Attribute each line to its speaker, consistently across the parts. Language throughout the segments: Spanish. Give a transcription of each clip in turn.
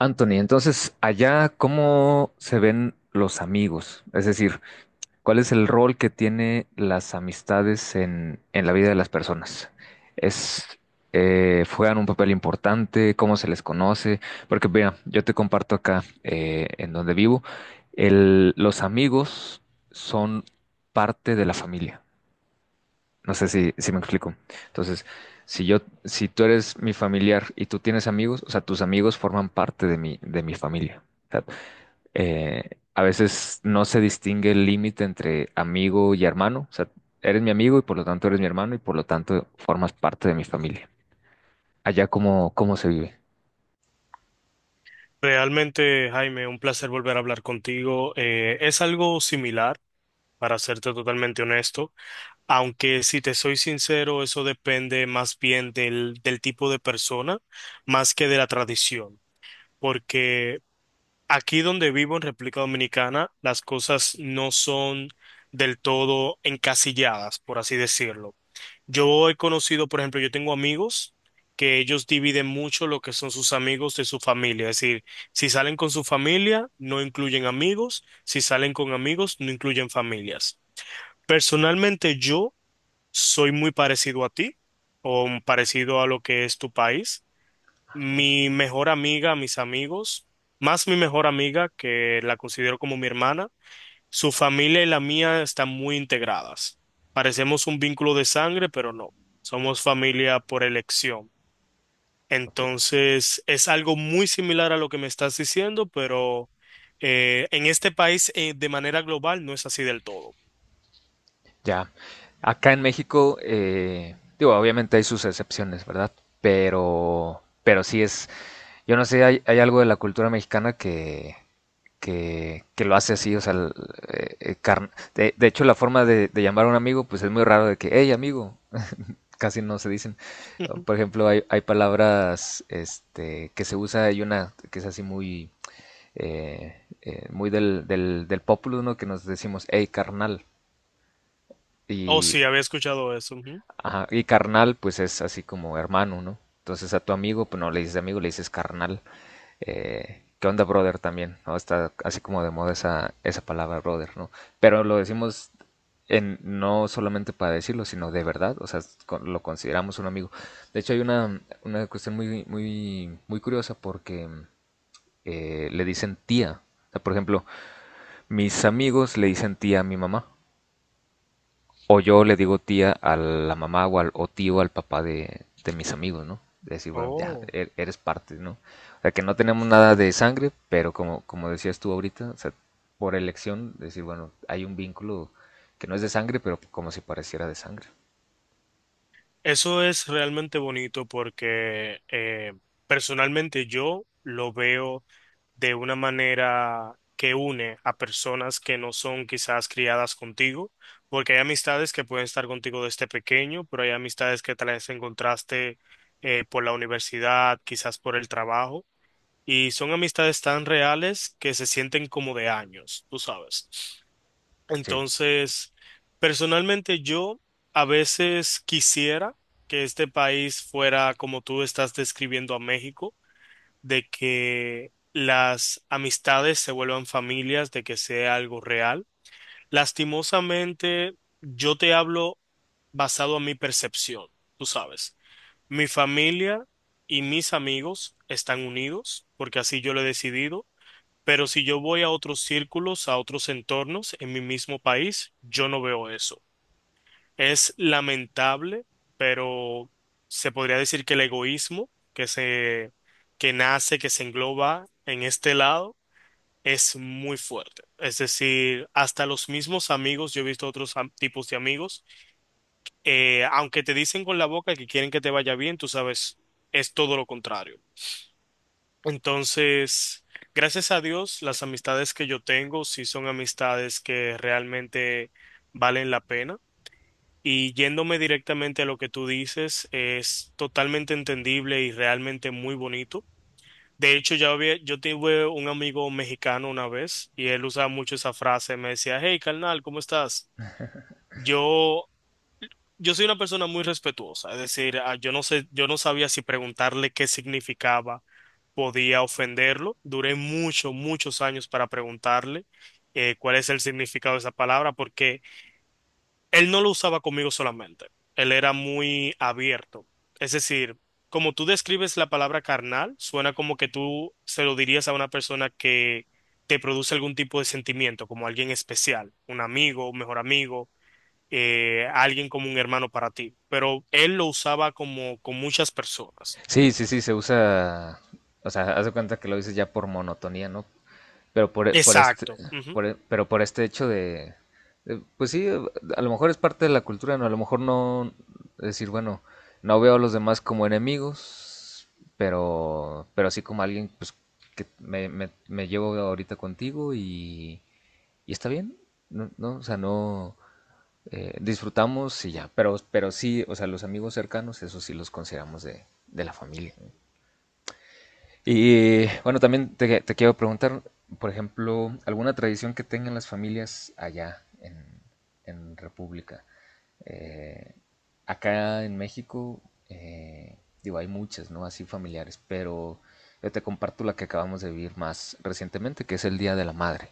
Speaker 1: Anthony, entonces, allá, ¿cómo se ven los amigos? Es decir, ¿cuál es el rol que tiene las amistades en la vida de las personas? ¿Es, juegan un papel importante? ¿Cómo se les conoce? Porque, mira, yo te comparto acá, en donde vivo, los amigos son parte de la familia. No sé si me explico. Entonces, si yo, si tú eres mi familiar y tú tienes amigos, o sea, tus amigos forman parte de mi familia. O sea, a veces no se distingue el límite entre amigo y hermano. O sea, eres mi amigo y por lo tanto eres mi hermano y por lo tanto formas parte de mi familia. Allá cómo se vive.
Speaker 2: Realmente, Jaime, un placer volver a hablar contigo. Es algo similar, para serte totalmente honesto, aunque si te soy sincero, eso depende más bien del tipo de persona, más que de la tradición, porque aquí donde vivo en República Dominicana, las cosas no son del todo encasilladas, por así decirlo. Yo he conocido, por ejemplo, yo tengo amigos que ellos dividen mucho lo que son sus amigos de su familia. Es decir, si salen con su familia, no incluyen amigos. Si salen con amigos, no incluyen familias. Personalmente, yo soy muy parecido a ti o parecido a lo que es tu país. Mi mejor amiga, mis amigos, más mi mejor amiga, que la considero como mi hermana, su familia y la mía están muy integradas. Parecemos un vínculo de sangre, pero no, somos familia por elección.
Speaker 1: Ok,
Speaker 2: Entonces, es algo muy similar a lo que me estás diciendo, pero en este país, de manera global, no es así del todo.
Speaker 1: ya. Acá en México, digo, obviamente hay sus excepciones, ¿verdad? Pero sí es, yo no sé, hay algo de la cultura mexicana que lo hace así, o sea, de hecho la forma de llamar a un amigo, pues es muy raro de que, hey amigo, casi no se dicen.
Speaker 2: Ujú.
Speaker 1: Por ejemplo, hay palabras este, que se usa, hay una que es así muy, muy del pópulo, ¿no? Que nos decimos, hey carnal,
Speaker 2: Oh,
Speaker 1: y,
Speaker 2: sí, había escuchado eso. Ujú.
Speaker 1: ajá, y carnal pues es así como hermano, ¿no? Entonces a tu amigo, pues no le dices amigo, le dices carnal. ¿Qué onda, brother? También, ¿no? Está así como de moda esa, palabra, brother, ¿no? Pero lo decimos no solamente para decirlo, sino de verdad, o sea, lo consideramos un amigo. De hecho, hay una cuestión muy, muy, muy curiosa porque le dicen tía. O sea, por ejemplo, mis amigos le dicen tía a mi mamá. O yo le digo tía a la mamá o tío al papá de mis amigos, ¿no? De decir, bueno, ya,
Speaker 2: Oh.
Speaker 1: eres parte, ¿no? O sea, que no tenemos nada de sangre, pero como decías tú ahorita, o sea, por elección, decir, bueno, hay un vínculo que no es de sangre, pero como si pareciera de sangre.
Speaker 2: Eso es realmente bonito porque personalmente yo lo veo de una manera que une a personas que no son quizás criadas contigo, porque hay amistades que pueden estar contigo desde pequeño, pero hay amistades que tal vez encontraste por la universidad, quizás por el trabajo, y son amistades tan reales que se sienten como de años, tú sabes.
Speaker 1: Sí.
Speaker 2: Entonces, personalmente yo a veces quisiera que este país fuera como tú estás describiendo a México, de que las amistades se vuelvan familias, de que sea algo real. Lastimosamente, yo te hablo basado a mi percepción, tú sabes. Mi familia y mis amigos están unidos, porque así yo lo he decidido. Pero si yo voy a otros círculos, a otros entornos en mi mismo país, yo no veo eso. Es lamentable, pero se podría decir que el egoísmo que nace, que se engloba en este lado, es muy fuerte. Es decir, hasta los mismos amigos, yo he visto otros tipos de amigos, aunque te dicen con la boca que quieren que te vaya bien, tú sabes, es todo lo contrario. Entonces, gracias a Dios, las amistades que yo tengo sí son amistades que realmente valen la pena. Y yéndome directamente a lo que tú dices, es totalmente entendible y realmente muy bonito. De hecho, ya había, yo tuve un amigo mexicano una vez y él usaba mucho esa frase, me decía, hey, carnal, ¿cómo estás? Yo yo soy una persona muy respetuosa, es decir, ah, yo no sé, yo no sabía si preguntarle qué significaba, podía ofenderlo. Duré muchos, muchos años para preguntarle cuál es el significado de esa palabra, porque él no lo usaba conmigo solamente, él era muy abierto. Es decir, como tú describes la palabra carnal, suena como que tú se lo dirías a una persona que te produce algún tipo de sentimiento, como alguien especial, un amigo, un mejor amigo, a alguien como un hermano para ti, pero él lo usaba como con muchas personas.
Speaker 1: Sí, sí, sí, se usa, o sea, haz de cuenta que lo dices ya por monotonía, ¿no? Pero por este,
Speaker 2: Exacto. Ujú.
Speaker 1: por e- pero por este hecho pues sí, a lo mejor es parte de la cultura, ¿no? A lo mejor no decir, bueno, no veo a los demás como enemigos, pero sí como alguien, pues, que me llevo ahorita contigo, y está bien, ¿no? No, o sea, no, disfrutamos y ya, pero sí, o sea, los amigos cercanos, eso sí los consideramos de la familia, ¿no? Y bueno, también te quiero preguntar, por ejemplo, alguna tradición que tengan las familias allá en República. Eh, Acá en México, eh, digo, hay muchas, ¿no? Así familiares, pero yo te comparto la que acabamos de vivir más recientemente, que es el Día de la Madre.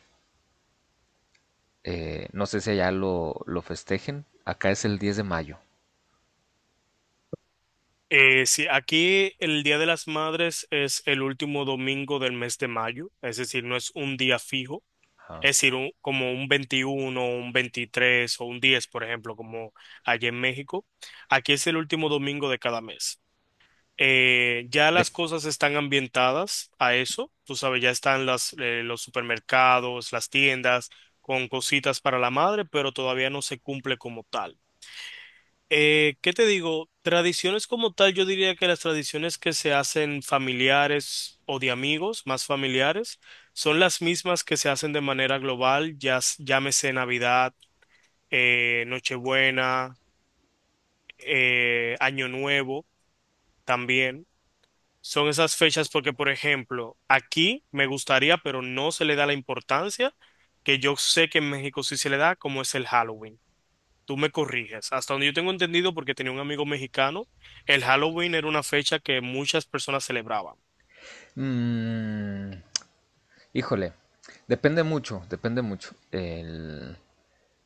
Speaker 1: No sé si allá lo festejen, acá es el 10 de mayo.
Speaker 2: Sí, aquí el Día de las Madres es el último domingo del mes de mayo, es decir, no es un día fijo,
Speaker 1: Ah,
Speaker 2: es
Speaker 1: ok.
Speaker 2: decir, como un 21, un 23 o un 10, por ejemplo, como allá en México. Aquí es el último domingo de cada mes. Ya
Speaker 1: De-
Speaker 2: las cosas están ambientadas a eso, tú sabes, ya están las, los supermercados, las tiendas con cositas para la madre, pero todavía no se cumple como tal. ¿Qué te digo? Tradiciones como tal, yo diría que las tradiciones que se hacen familiares o de amigos, más familiares, son las mismas que se hacen de manera global, ya llámese Navidad, Nochebuena, Año Nuevo también. Son esas fechas porque, por ejemplo, aquí me gustaría, pero no se le da la importancia que yo sé que en México sí se le da, como es el Halloween. Tú me corriges. Hasta donde yo tengo entendido, porque tenía un amigo mexicano, el Halloween era una fecha que muchas personas celebraban.
Speaker 1: mm, híjole, depende mucho, depende mucho.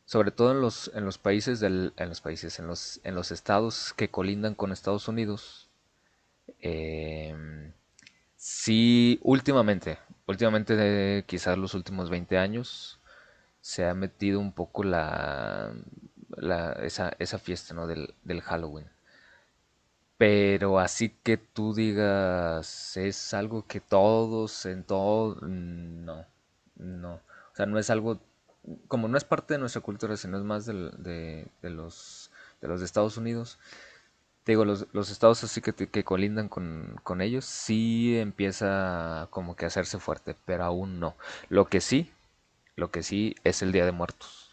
Speaker 1: Sobre todo en en los países, en los estados que colindan con Estados Unidos, eh, sí, últimamente de quizás los últimos 20 años, se ha metido un poco la, la esa fiesta, ¿no? del Halloween. Pero así que tú digas, es algo que todos en todo... No, no. O sea, no es algo, como no es parte de nuestra cultura, sino es más de los de Estados Unidos. Te digo, los estados así que colindan con ellos, sí empieza como que a hacerse fuerte, pero aún no. Lo que sí, lo que sí es el Día de Muertos.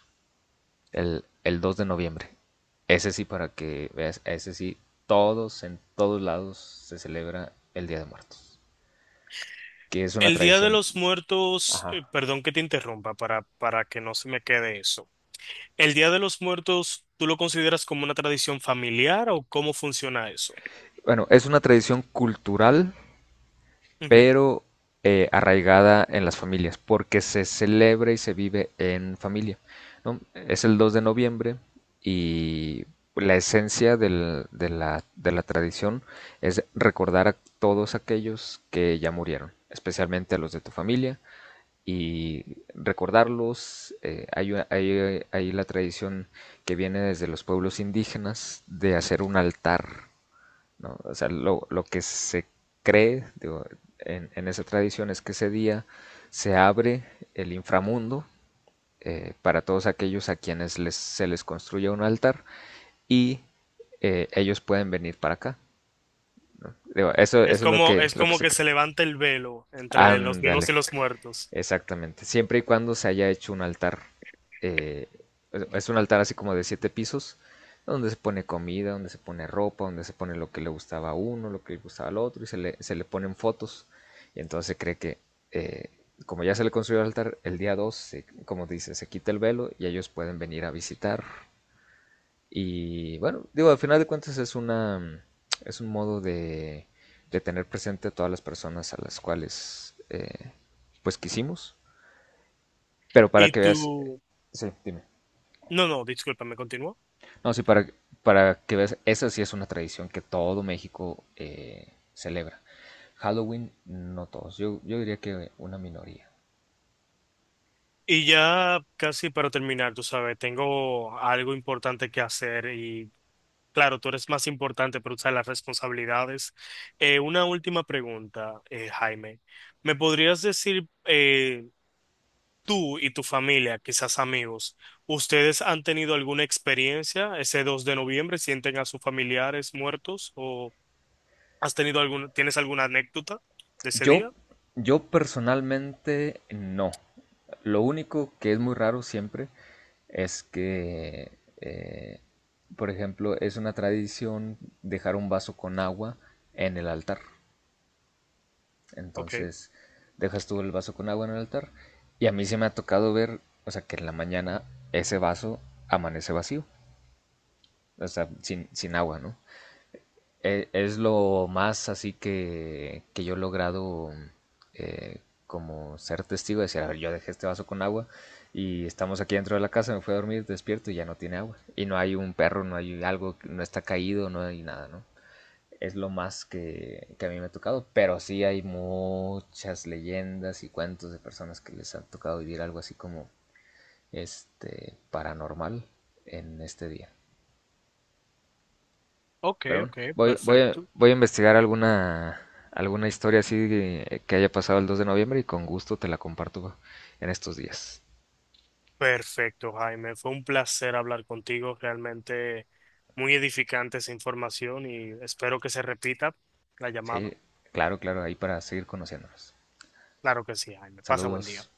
Speaker 1: El 2 de noviembre. Ese sí, para que veas, ese sí, en todos lados se celebra el Día de Muertos. Que es una
Speaker 2: El Día de
Speaker 1: tradición.
Speaker 2: los Muertos,
Speaker 1: Ajá.
Speaker 2: perdón que te interrumpa para que no se me quede eso. ¿El Día de los Muertos, tú lo consideras como una tradición familiar o cómo funciona eso?
Speaker 1: Bueno, es una tradición cultural,
Speaker 2: Ujú.
Speaker 1: pero arraigada en las familias, porque se celebra y se vive en familia, ¿no? Es el 2 de noviembre, y la esencia de la tradición es recordar a todos aquellos que ya murieron, especialmente a los de tu familia, y recordarlos. Hay la tradición que viene desde los pueblos indígenas de hacer un altar, ¿no? O sea, lo que se cree, digo, en esa tradición, es que ese día se abre el inframundo para todos aquellos a quienes se les construye un altar, y ellos pueden venir para acá. Digo, eso es lo que,
Speaker 2: Es
Speaker 1: lo que
Speaker 2: como
Speaker 1: se
Speaker 2: que se
Speaker 1: cree.
Speaker 2: levanta el velo entre los
Speaker 1: Ándale,
Speaker 2: vivos y los muertos.
Speaker 1: exactamente. Siempre y cuando se haya hecho un altar. eh, es un altar así como de siete pisos, donde se pone comida, donde se pone ropa, donde se pone lo que le gustaba a uno, lo que le gustaba al otro, y se le ponen fotos. Y entonces se cree que, eh, como ya se le construyó el altar, el día 2, como dice, se quita el velo y ellos pueden venir a visitar. Y bueno, digo, al final de cuentas es un modo de tener presente a todas las personas a las cuales, pues quisimos. Pero para
Speaker 2: Y
Speaker 1: que veas...
Speaker 2: tú,
Speaker 1: Sí, dime.
Speaker 2: no, no, discúlpame, continúa.
Speaker 1: No, sí, para que veas, esa sí es una tradición que todo México celebra. Halloween, no todos. Yo diría que una minoría.
Speaker 2: Y ya casi para terminar, tú sabes, tengo algo importante que hacer y claro, tú eres más importante para usar las responsabilidades. Una última pregunta, Jaime. ¿Me podrías decir, tú y tu familia, quizás amigos, ustedes han tenido alguna experiencia ese 2 de noviembre? ¿Sienten a sus familiares muertos? ¿O has tenido alguna, tienes alguna anécdota de ese
Speaker 1: Yo,
Speaker 2: día?
Speaker 1: yo personalmente no. Lo único que es muy raro siempre es que, eh, por ejemplo, es una tradición dejar un vaso con agua en el altar.
Speaker 2: Ok,
Speaker 1: Entonces dejas tú el vaso con agua en el altar. Y a mí se me ha tocado ver, o sea, que en la mañana ese vaso amanece vacío, o sea, sin agua, ¿no? Es lo más así que yo he logrado, eh, como ser testigo, de decir, a ver, yo dejé este vaso con agua y estamos aquí dentro de la casa, me fui a dormir, despierto y ya no tiene agua. Y no hay un perro, no hay algo, no está caído, no hay nada, ¿no? Es lo más que a mí me ha tocado, pero sí hay muchas leyendas y cuentos de personas que les han tocado vivir algo así como este paranormal en este día.
Speaker 2: ok,
Speaker 1: Pero bueno,
Speaker 2: ok,
Speaker 1: voy, voy, a,
Speaker 2: perfecto.
Speaker 1: voy a investigar alguna, alguna historia así que haya pasado el 2 de noviembre, y con gusto te la comparto en estos días.
Speaker 2: Perfecto, Jaime. Fue un placer hablar contigo. Realmente muy edificante esa información y espero que se repita la llamada.
Speaker 1: Sí, claro, claro, ahí para seguir conociéndonos.
Speaker 2: Claro que sí, Jaime. Pasa buen día.
Speaker 1: Saludos.